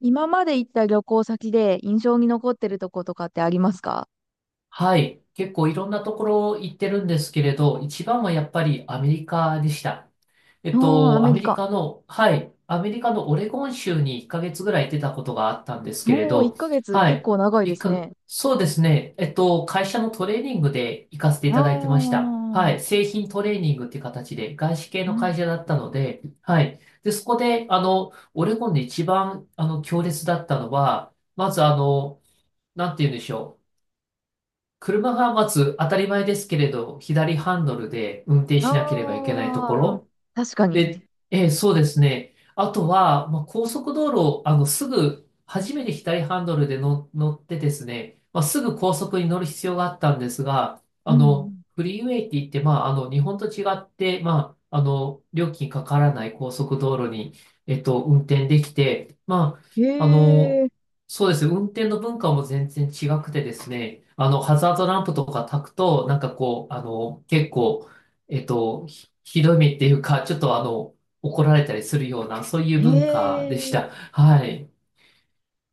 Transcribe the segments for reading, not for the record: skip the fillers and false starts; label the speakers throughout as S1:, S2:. S1: 今まで行った旅行先で印象に残ってるとことかってありますか？
S2: はい。結構いろんなところ行ってるんですけれど、一番はやっぱりアメリカでした。
S1: おー、アメ
S2: アメ
S1: リ
S2: リ
S1: カ。
S2: カの、はい。アメリカのオレゴン州に1ヶ月ぐらい出たことがあったんですけれ
S1: おー、1
S2: ど、
S1: ヶ月
S2: は
S1: 結
S2: い。
S1: 構長いで
S2: 一
S1: す
S2: か、
S1: ね。
S2: そうですね。会社のトレーニングで行かせてい
S1: あ
S2: ただいてました。は
S1: ー、
S2: い。製品トレーニングっていう形で、外資系
S1: う
S2: の会
S1: ん。
S2: 社だったので、はい。で、そこで、オレゴンで一番、強烈だったのは、まずなんて言うんでしょう。車がまず当たり前ですけれど、左ハンドルで運転しなければいけないとこ
S1: あー、
S2: ろ、
S1: 確か
S2: で、
S1: に。
S2: そうですね。あとは、高速道路、すぐ、初めて左ハンドルでの乗ってですね、すぐ高速に乗る必要があったんですが、
S1: うん。
S2: フリーウェイって言って、日本と違って、料金かからない高速道路に、運転できて、
S1: へ
S2: あ、あの、
S1: え、
S2: そうですね、運転の文化も全然違くてですね、ハザードランプとか焚くと、なんかこう、結構、えっと、ひどい目っていうか、ちょっと怒られたりするような、そういう
S1: へ
S2: 文化でし
S1: え、い
S2: た。はい。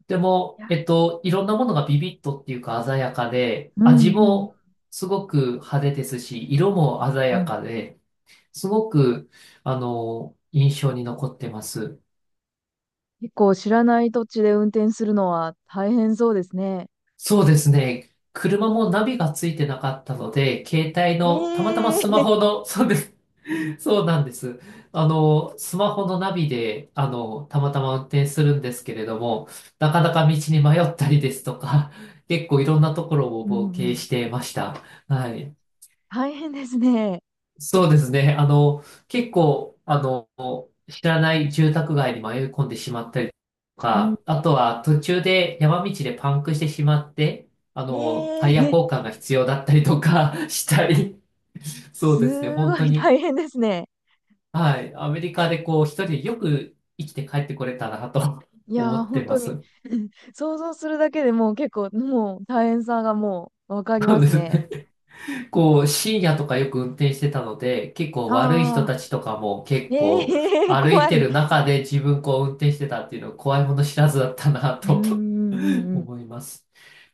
S2: でも、
S1: や、
S2: いろんなものがビビッとっていうか鮮やかで、
S1: うん、
S2: 味
S1: うん、
S2: もすごく派手ですし、色も鮮
S1: う
S2: や
S1: ん。
S2: かで、すごく、印象に残ってます。
S1: 結構知らない土地で運転するのは大変そうですね。
S2: そうですね。車もナビがついてなかったので、携帯
S1: え
S2: の、たまたまスマ
S1: え、
S2: ホ の、そうです。そうなんです。スマホのナビで、たまたま運転するんですけれども、なかなか道に迷ったりですとか、結構いろんなところを
S1: うん、う
S2: 冒険
S1: ん。
S2: してました。はい。
S1: 大変ですね。
S2: そうですね。結構、知らない住宅街に迷い込んでしまったりと
S1: うん。
S2: か、あとは途中で山道でパンクしてしまって、
S1: え
S2: タイヤ
S1: え、
S2: 交換が必要だったりとか したり、そうですね。
S1: す
S2: 本
S1: ご
S2: 当
S1: い
S2: に。
S1: 大変ですね。
S2: はい。アメリカでこう、一人でよく生きて帰ってこれたなと
S1: い
S2: 思
S1: やー、
S2: っ
S1: 本
S2: てま
S1: 当に
S2: す。
S1: 想像するだけでもう結構、もう大変さがもうわか り
S2: そ
S1: ま
S2: うで
S1: す
S2: す
S1: ね。
S2: ね。こう、深夜とかよく運転してたので、結構悪い人
S1: ああ、
S2: たちとかも結
S1: え
S2: 構
S1: えー、
S2: 歩い
S1: 怖
S2: て
S1: い。
S2: る中で自分こう運転してたっていうのは怖いもの知らずだったな
S1: うんうんう
S2: と
S1: んう ん。
S2: 思います。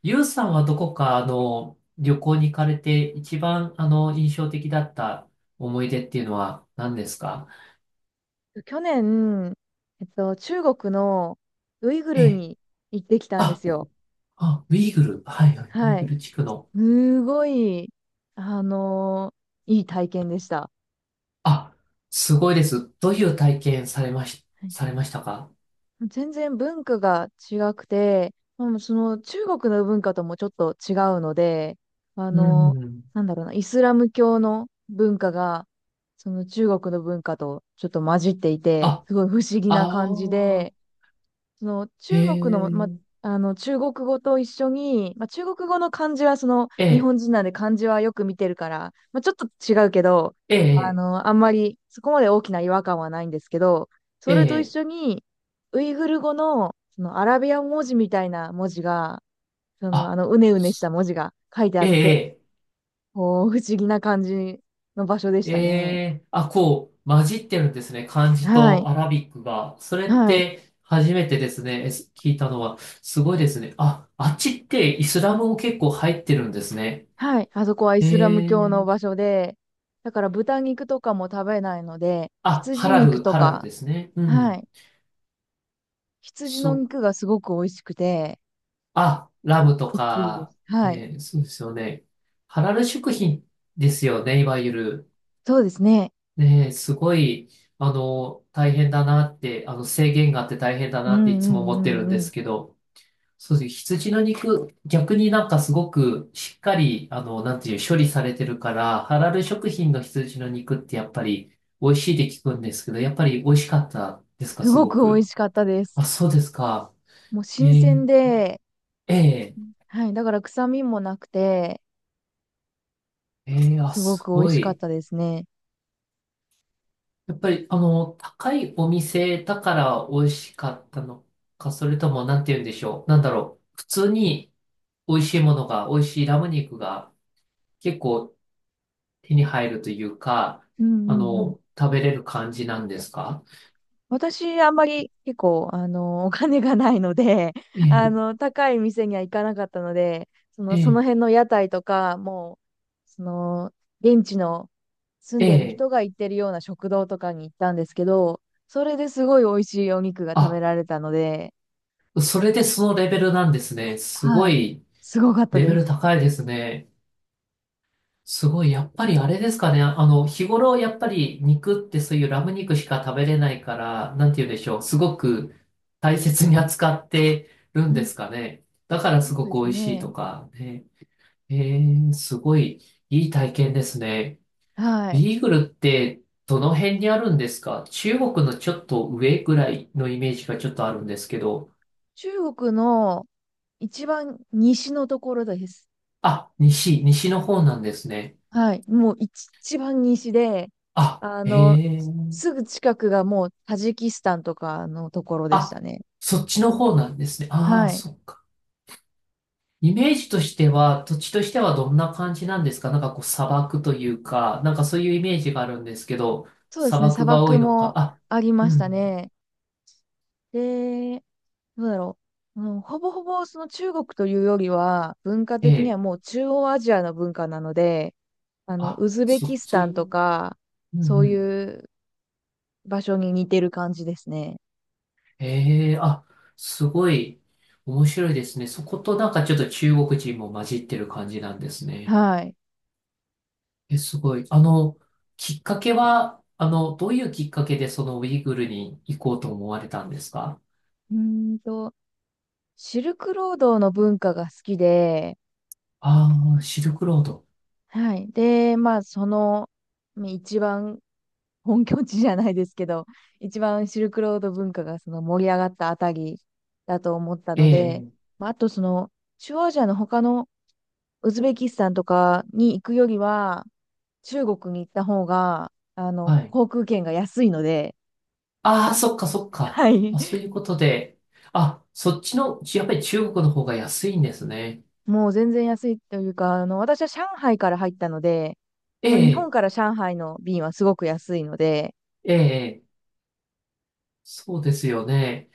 S2: ゆうさんはどこか旅行に行かれて一番印象的だった思い出っていうのは何ですか？
S1: 去年、中国のウイグ
S2: え
S1: ル
S2: え、
S1: に行ってきたんで
S2: あ、
S1: すよ。
S2: あ、ウイグル。はいはい。ウイ
S1: は
S2: グ
S1: い。
S2: ル地区の。
S1: すごい、あのいい体験でした。
S2: あ、すごいです。どういう体験されましたか？
S1: 全然文化が違くて、もうその中国の文化ともちょっと違うので、あ
S2: う
S1: の、
S2: んうん。
S1: なんだろうな、イスラム教の文化が、その中国の文化とちょっと混じっていて、
S2: あ、
S1: すごい不思議
S2: あ
S1: な感じ
S2: あ、
S1: で、その
S2: え
S1: 中国の、
S2: え、
S1: あの中国語と一緒に、中国語の漢字はその
S2: え
S1: 日
S2: え、
S1: 本人なんで漢字はよく見てるから、ちょっと違うけど、
S2: ええ、
S1: あんまりそこまで大きな違和感はないんですけど、
S2: え
S1: それと一
S2: え、
S1: 緒にウイグル語の、そのアラビア文字みたいな文字が、その
S2: あ、
S1: うねうねした
S2: す
S1: 文字が書いてあ
S2: え
S1: って、
S2: え、
S1: こう不思議な感じの場所でし
S2: え
S1: たね。
S2: え、あ、こう、混じってるんですね。漢字
S1: は
S2: と
S1: い。
S2: アラビックが。それっ
S1: はい。
S2: て初めてですね。えす聞いたのは。すごいですね。あ、あっちってイスラムも結構入ってるんですね。
S1: はい。あそこはイ
S2: え
S1: スラム教の
S2: え、
S1: 場所で、だから豚肉とかも食べないので、
S2: あ、ハ
S1: 羊
S2: ラ
S1: 肉
S2: ル、
S1: と
S2: ハラル
S1: か、
S2: ですね。うんう
S1: は
S2: ん。
S1: い。羊の
S2: そ
S1: 肉がすごく美味しくて、
S2: あ、ラムと
S1: びっくりで
S2: か、
S1: す。はい。
S2: ね、そうですよね。ハラル食品ですよね、いわゆる。
S1: そうですね。
S2: ね、すごい、大変だなって、制限があって大変だ
S1: うん
S2: な
S1: う
S2: っていつも
S1: ん
S2: 思
S1: う
S2: ってる
S1: ん
S2: ん
S1: う
S2: で
S1: ん。
S2: すけど、そうですね。羊の肉、逆になんかすごくしっかり、なんていう、処理されてるから、ハラル食品の羊の肉ってやっぱり美味しいって聞くんですけど、やっぱり美味しかったですか、
S1: す
S2: す
S1: ご
S2: ご
S1: く美味
S2: く。
S1: しかったです。
S2: あ、そうですか。
S1: もう
S2: え
S1: 新
S2: ー
S1: 鮮で、
S2: ええ
S1: はい。だから臭みもなくて、
S2: ええあ、
S1: すご
S2: す
S1: く美味
S2: ご
S1: しかっ
S2: い。
S1: たですね。
S2: やっぱり、高いお店だから美味しかったのか、それとも、なんて言うんでしょう。なんだろう。普通に美味しいものが、美味しいラム肉が結構手に入るというか、
S1: うんうんうん。
S2: 食べれる感じなんですか？
S1: 私、あんまり結構、お金がないので、
S2: え え、
S1: 高い店には行かなかったので、
S2: え
S1: その
S2: え、
S1: 辺の屋台とか、もう、その、現地の住ん
S2: え
S1: でる
S2: え。
S1: 人が行ってるような食堂とかに行ったんですけど、それですごい美味しいお肉が食べ
S2: あ、
S1: られたので、
S2: それでそのレベルなんですね。すご
S1: はい、
S2: い、
S1: すごかった
S2: レベ
S1: で
S2: ル
S1: す。
S2: 高いですね。すごい、やっぱりあれですかね。日頃やっぱり肉ってそういうラム肉しか食べれないから、なんて言うんでしょう。すごく大切に扱ってる
S1: う
S2: んで
S1: ん、
S2: すかね。だからす
S1: そう
S2: ご
S1: で
S2: く
S1: す
S2: 美味しい
S1: ね。
S2: とかね。えー、すごいいい体験ですね。
S1: はい。
S2: ビーグルってどの辺にあるんですか？中国のちょっと上ぐらいのイメージがちょっとあるんですけど。
S1: 中国の一番西のところです。
S2: あ、西、西の方なんですね。
S1: はい。もう一番西で、
S2: あ、
S1: あ
S2: え
S1: の、
S2: ー、
S1: すぐ近くがもうタジキスタンとかのところでした
S2: あ、
S1: ね。
S2: そっちの方なんですね。あ
S1: は
S2: あ、
S1: い。
S2: そっか。イメージとしては、土地としてはどんな感じなんですか？なんかこう砂漠というか、なんかそういうイメージがあるんですけど、
S1: そうで
S2: 砂
S1: すね。砂
S2: 漠が多
S1: 漠
S2: いのか。
S1: も
S2: あ、
S1: ありま
S2: う
S1: した
S2: ん、
S1: ね。で、どうだろう。うん、ほぼほぼその中国というよりは、文化
S2: え
S1: 的には
S2: え、
S1: もう中央アジアの文化なので、
S2: あ、
S1: ウズベ
S2: そ
S1: キ
S2: っ
S1: スタン
S2: ち、
S1: とか、
S2: うん
S1: そう
S2: う
S1: い
S2: ん。
S1: う場所に似てる感じですね。
S2: ええ、あ、すごい面白いですね。そことなんかちょっと中国人も混じってる感じなんですね。
S1: はい。
S2: え、すごい。きっかけは、どういうきっかけでそのウイグルに行こうと思われたんですか？
S1: うーんと、シルクロードの文化が好きで、
S2: ああー、シルクロード。
S1: はい。で、まあ、ね一番本拠地じゃないですけど、一番シルクロード文化がその盛り上がったあたりだと思った
S2: え
S1: ので、
S2: え、ええ、
S1: まあ、あと中央アジアの他のウズベキスタンとかに行くよりは、中国に行った方が、
S2: はい。
S1: 航空券が安いので、
S2: ああ、そっかそっか。
S1: はい。
S2: あ、そういうことで。あ、そっちの、やっぱり中国の方が安いんですね。
S1: もう全然安いというか、私は上海から入ったので、
S2: え
S1: まあ、日本
S2: え、
S1: から上海の便はすごく安いので、
S2: ええ、そうですよね。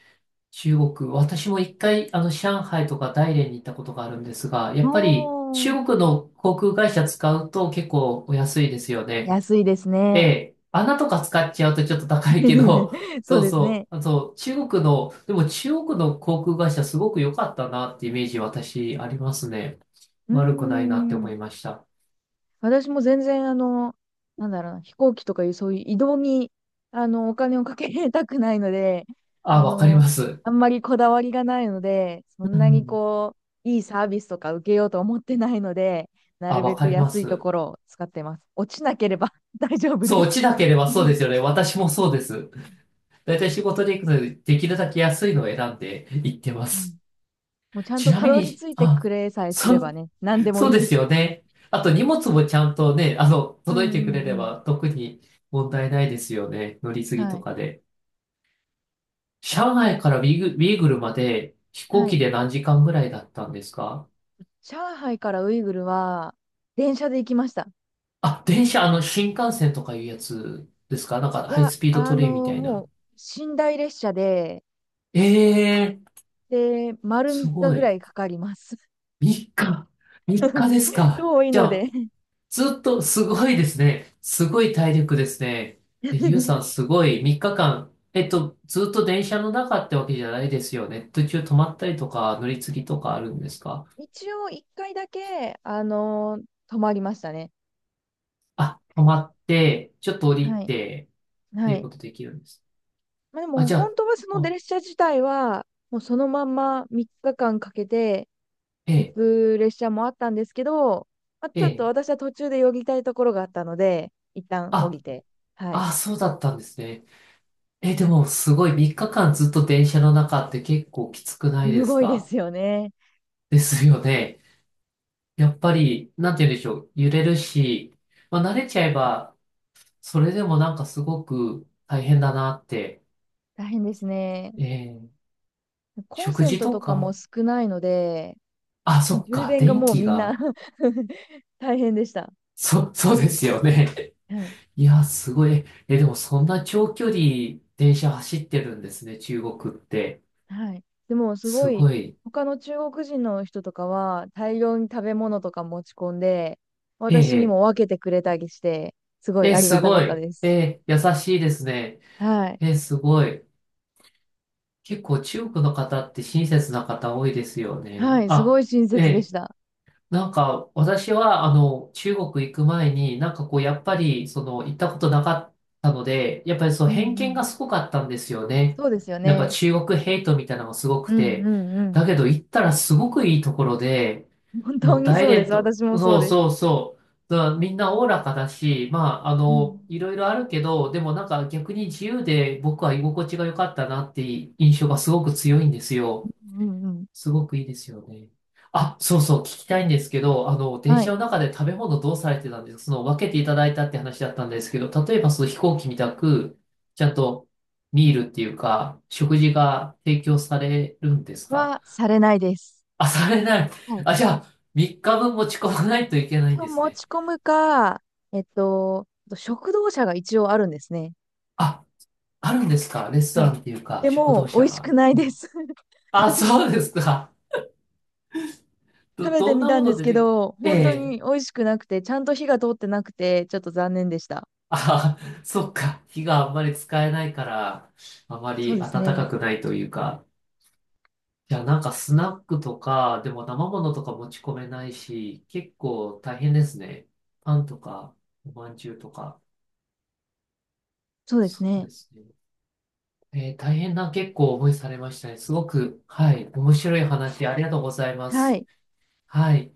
S2: 中国、私も一回、上海とか大連に行ったことがあるんですが、やっぱり
S1: もう、
S2: 中国の航空会社使うと結構お安いですよね。
S1: 安いです
S2: え
S1: ね。
S2: え、穴とか使っちゃうとちょっと高いけど、
S1: そう
S2: そう
S1: ですね。
S2: そう、あと中国の、でも中国の航空会社すごく良かったなってイメージ私ありますね。
S1: うー
S2: 悪くないなって思
S1: ん。
S2: いました。
S1: 私も全然、なんだろうな、飛行機とかいう、そういう移動に、お金をかけたくないので、あ
S2: あ、わかり
S1: の、
S2: ます。
S1: あんまりこだわりがないので、そ
S2: う
S1: んなに
S2: ん。
S1: こう、いいサービスとか受けようと思ってないので、な
S2: あ、
S1: る
S2: わ
S1: べ
S2: か
S1: く
S2: りま
S1: 安いと
S2: す。
S1: ころを使ってます。落ちなければ 大丈夫
S2: そう、
S1: で
S2: 落
S1: す。
S2: ちなけれ ば
S1: う
S2: そうで
S1: ん、
S2: すよね。私もそうです。だいたい仕事で行くので、できるだけ安いのを選んで行ってます。
S1: もうちゃん
S2: ち
S1: と
S2: な
S1: た
S2: み
S1: どり
S2: に、
S1: 着いて
S2: あ、
S1: くれさえす
S2: そ
S1: れば
S2: う、
S1: ね、何でも
S2: そう
S1: いい
S2: で
S1: で
S2: す
S1: す。
S2: よね。あと荷物もちゃんとね、
S1: うん
S2: 届い
S1: う
S2: てくれ
S1: んう
S2: れ
S1: ん。
S2: ば特に問題ないですよね。乗り継ぎ
S1: は
S2: と
S1: い。
S2: かで。上海からビーグルまで飛行
S1: は
S2: 機
S1: い。
S2: で何時間ぐらいだったんですか？
S1: 上海からウイグルは電車で行きました。
S2: あ、電車、新幹線とかいうやつですか？なんか
S1: い
S2: ハイ
S1: や、
S2: スピードトレインみたい
S1: も
S2: な。
S1: う寝台列車で、
S2: ええー、
S1: で、丸
S2: す
S1: 3日
S2: ご
S1: ぐら
S2: い。
S1: いかかります。
S2: 3日。3日です か？
S1: 遠い
S2: じゃ
S1: の
S2: あ、
S1: で
S2: ずっと、すごいですね。すごい体力ですね。えゆうさん、すごい、3日間、ずっと電車の中ってわけじゃないですよね。途中止まったりとか、乗り継ぎとかあるんですか？
S1: 一応1回だけ、泊まりましたね。
S2: あ、止まって、ちょっと降り
S1: はい。
S2: て、って
S1: は
S2: いう
S1: い。
S2: ことできるんです。
S1: まあ、で
S2: あ、
S1: も、
S2: じゃ
S1: 本
S2: あ、
S1: 当はその
S2: あ、
S1: 列車自体は、もうそのまんま3日間かんかけて
S2: え
S1: 行
S2: え、
S1: く列車もあったんですけど、まあ、ち
S2: え
S1: ょっと
S2: え、
S1: 私は途中でよぎたいところがあったので、一旦降
S2: あ、
S1: りて、はい。
S2: あ、そうだったんですね。え、でも、すごい、3日間ずっと電車の中って結構きつくないで
S1: す
S2: す
S1: ごいで
S2: か？
S1: すよね。
S2: ですよね。やっぱり、なんて言うんでしょう、揺れるし、慣れちゃえば、それでもなんかすごく大変だなって。
S1: 大変ですね。
S2: えー、
S1: コン
S2: 食
S1: セン
S2: 事
S1: ト
S2: と
S1: とかも
S2: か
S1: 少ないので、
S2: あ、そっ
S1: 充
S2: か、
S1: 電が
S2: 電
S1: もう
S2: 気
S1: みんな
S2: が。
S1: 大変でした。
S2: そ、そうですよね。
S1: はい。
S2: いや、すごい。え、でもそんな長距離電車走ってるんですね、中国って。
S1: はい。でもすご
S2: す
S1: い、
S2: ごい。
S1: 他の中国人の人とかは大量に食べ物とか持ち込んで、
S2: え
S1: 私に
S2: え、
S1: も分けてくれたりして、すごい
S2: え、
S1: あり
S2: す
S1: がたか
S2: ご
S1: った
S2: い。
S1: です。
S2: え、優しいですね。
S1: はい。
S2: え、すごい。結構中国の方って親切な方多いですよ
S1: は
S2: ね。
S1: い。す
S2: あ、
S1: ごい親切で
S2: え
S1: した。
S2: なんか、私は、中国行く前に、なんかこう、やっぱり、その、行ったことなかったので、やっぱりその
S1: うんう
S2: 偏見
S1: ん。
S2: がすごかったんですよね。
S1: そうですよ
S2: なんか
S1: ね。
S2: 中国ヘイトみたいなのがすごく
S1: うんう
S2: て、
S1: んうん。
S2: だけど行ったらすごくいいところで、
S1: 本当
S2: もう
S1: に
S2: 大
S1: そうで
S2: 連
S1: す。
S2: と、
S1: 私もそう
S2: そう
S1: です。
S2: そうそう、だからみんなおおらかだし、
S1: うん
S2: いろいろあるけど、でもなんか逆に自由で僕は居心地が良かったなっていう印象がすごく強いんですよ。
S1: うんうん。
S2: すごくいいですよね。あ、そうそう、聞きたいんですけど、電
S1: は
S2: 車
S1: い。
S2: の中で食べ物どうされてたんですか？その、分けていただいたって話だったんですけど、例えばその飛行機みたく、ちゃんとミールっていうか、食事が提供されるんですか？
S1: はされないです。
S2: あ、されない。
S1: はい。
S2: あ、じゃあ、3日分持ち込まないといけないんです
S1: 持
S2: ね。
S1: ち込むか、えっと、食堂車が一応あるんですね。
S2: あ、あるんですか？レスト
S1: は
S2: ラ
S1: い。
S2: ンっていうか、
S1: で
S2: 食堂
S1: も、美
S2: 車
S1: 味しく
S2: が。
S1: ない
S2: う
S1: で
S2: ん、
S1: す。
S2: あ、そうですか。
S1: 食べて
S2: どん
S1: み
S2: な
S1: た
S2: も
S1: んで
S2: の
S1: す
S2: 出
S1: け
S2: てく、
S1: ど、
S2: え
S1: 本当
S2: え
S1: に美味しくなくて、ちゃんと火が通ってなくて、ちょっと残念でした。
S2: あ、そっか。火があんまり使えないから、あま
S1: そう
S2: り
S1: で
S2: 暖
S1: すね。
S2: かくないというか。いや、なんかスナックとか、でも生ものとか持ち込めないし、結構大変ですね。パンとか、おまんじゅうとか。
S1: そうです
S2: そうで
S1: ね。
S2: すね。えー大変な結構思いされましたね。すごく、はい、面白い話ありがとうございま
S1: は
S2: す。
S1: い。
S2: はい。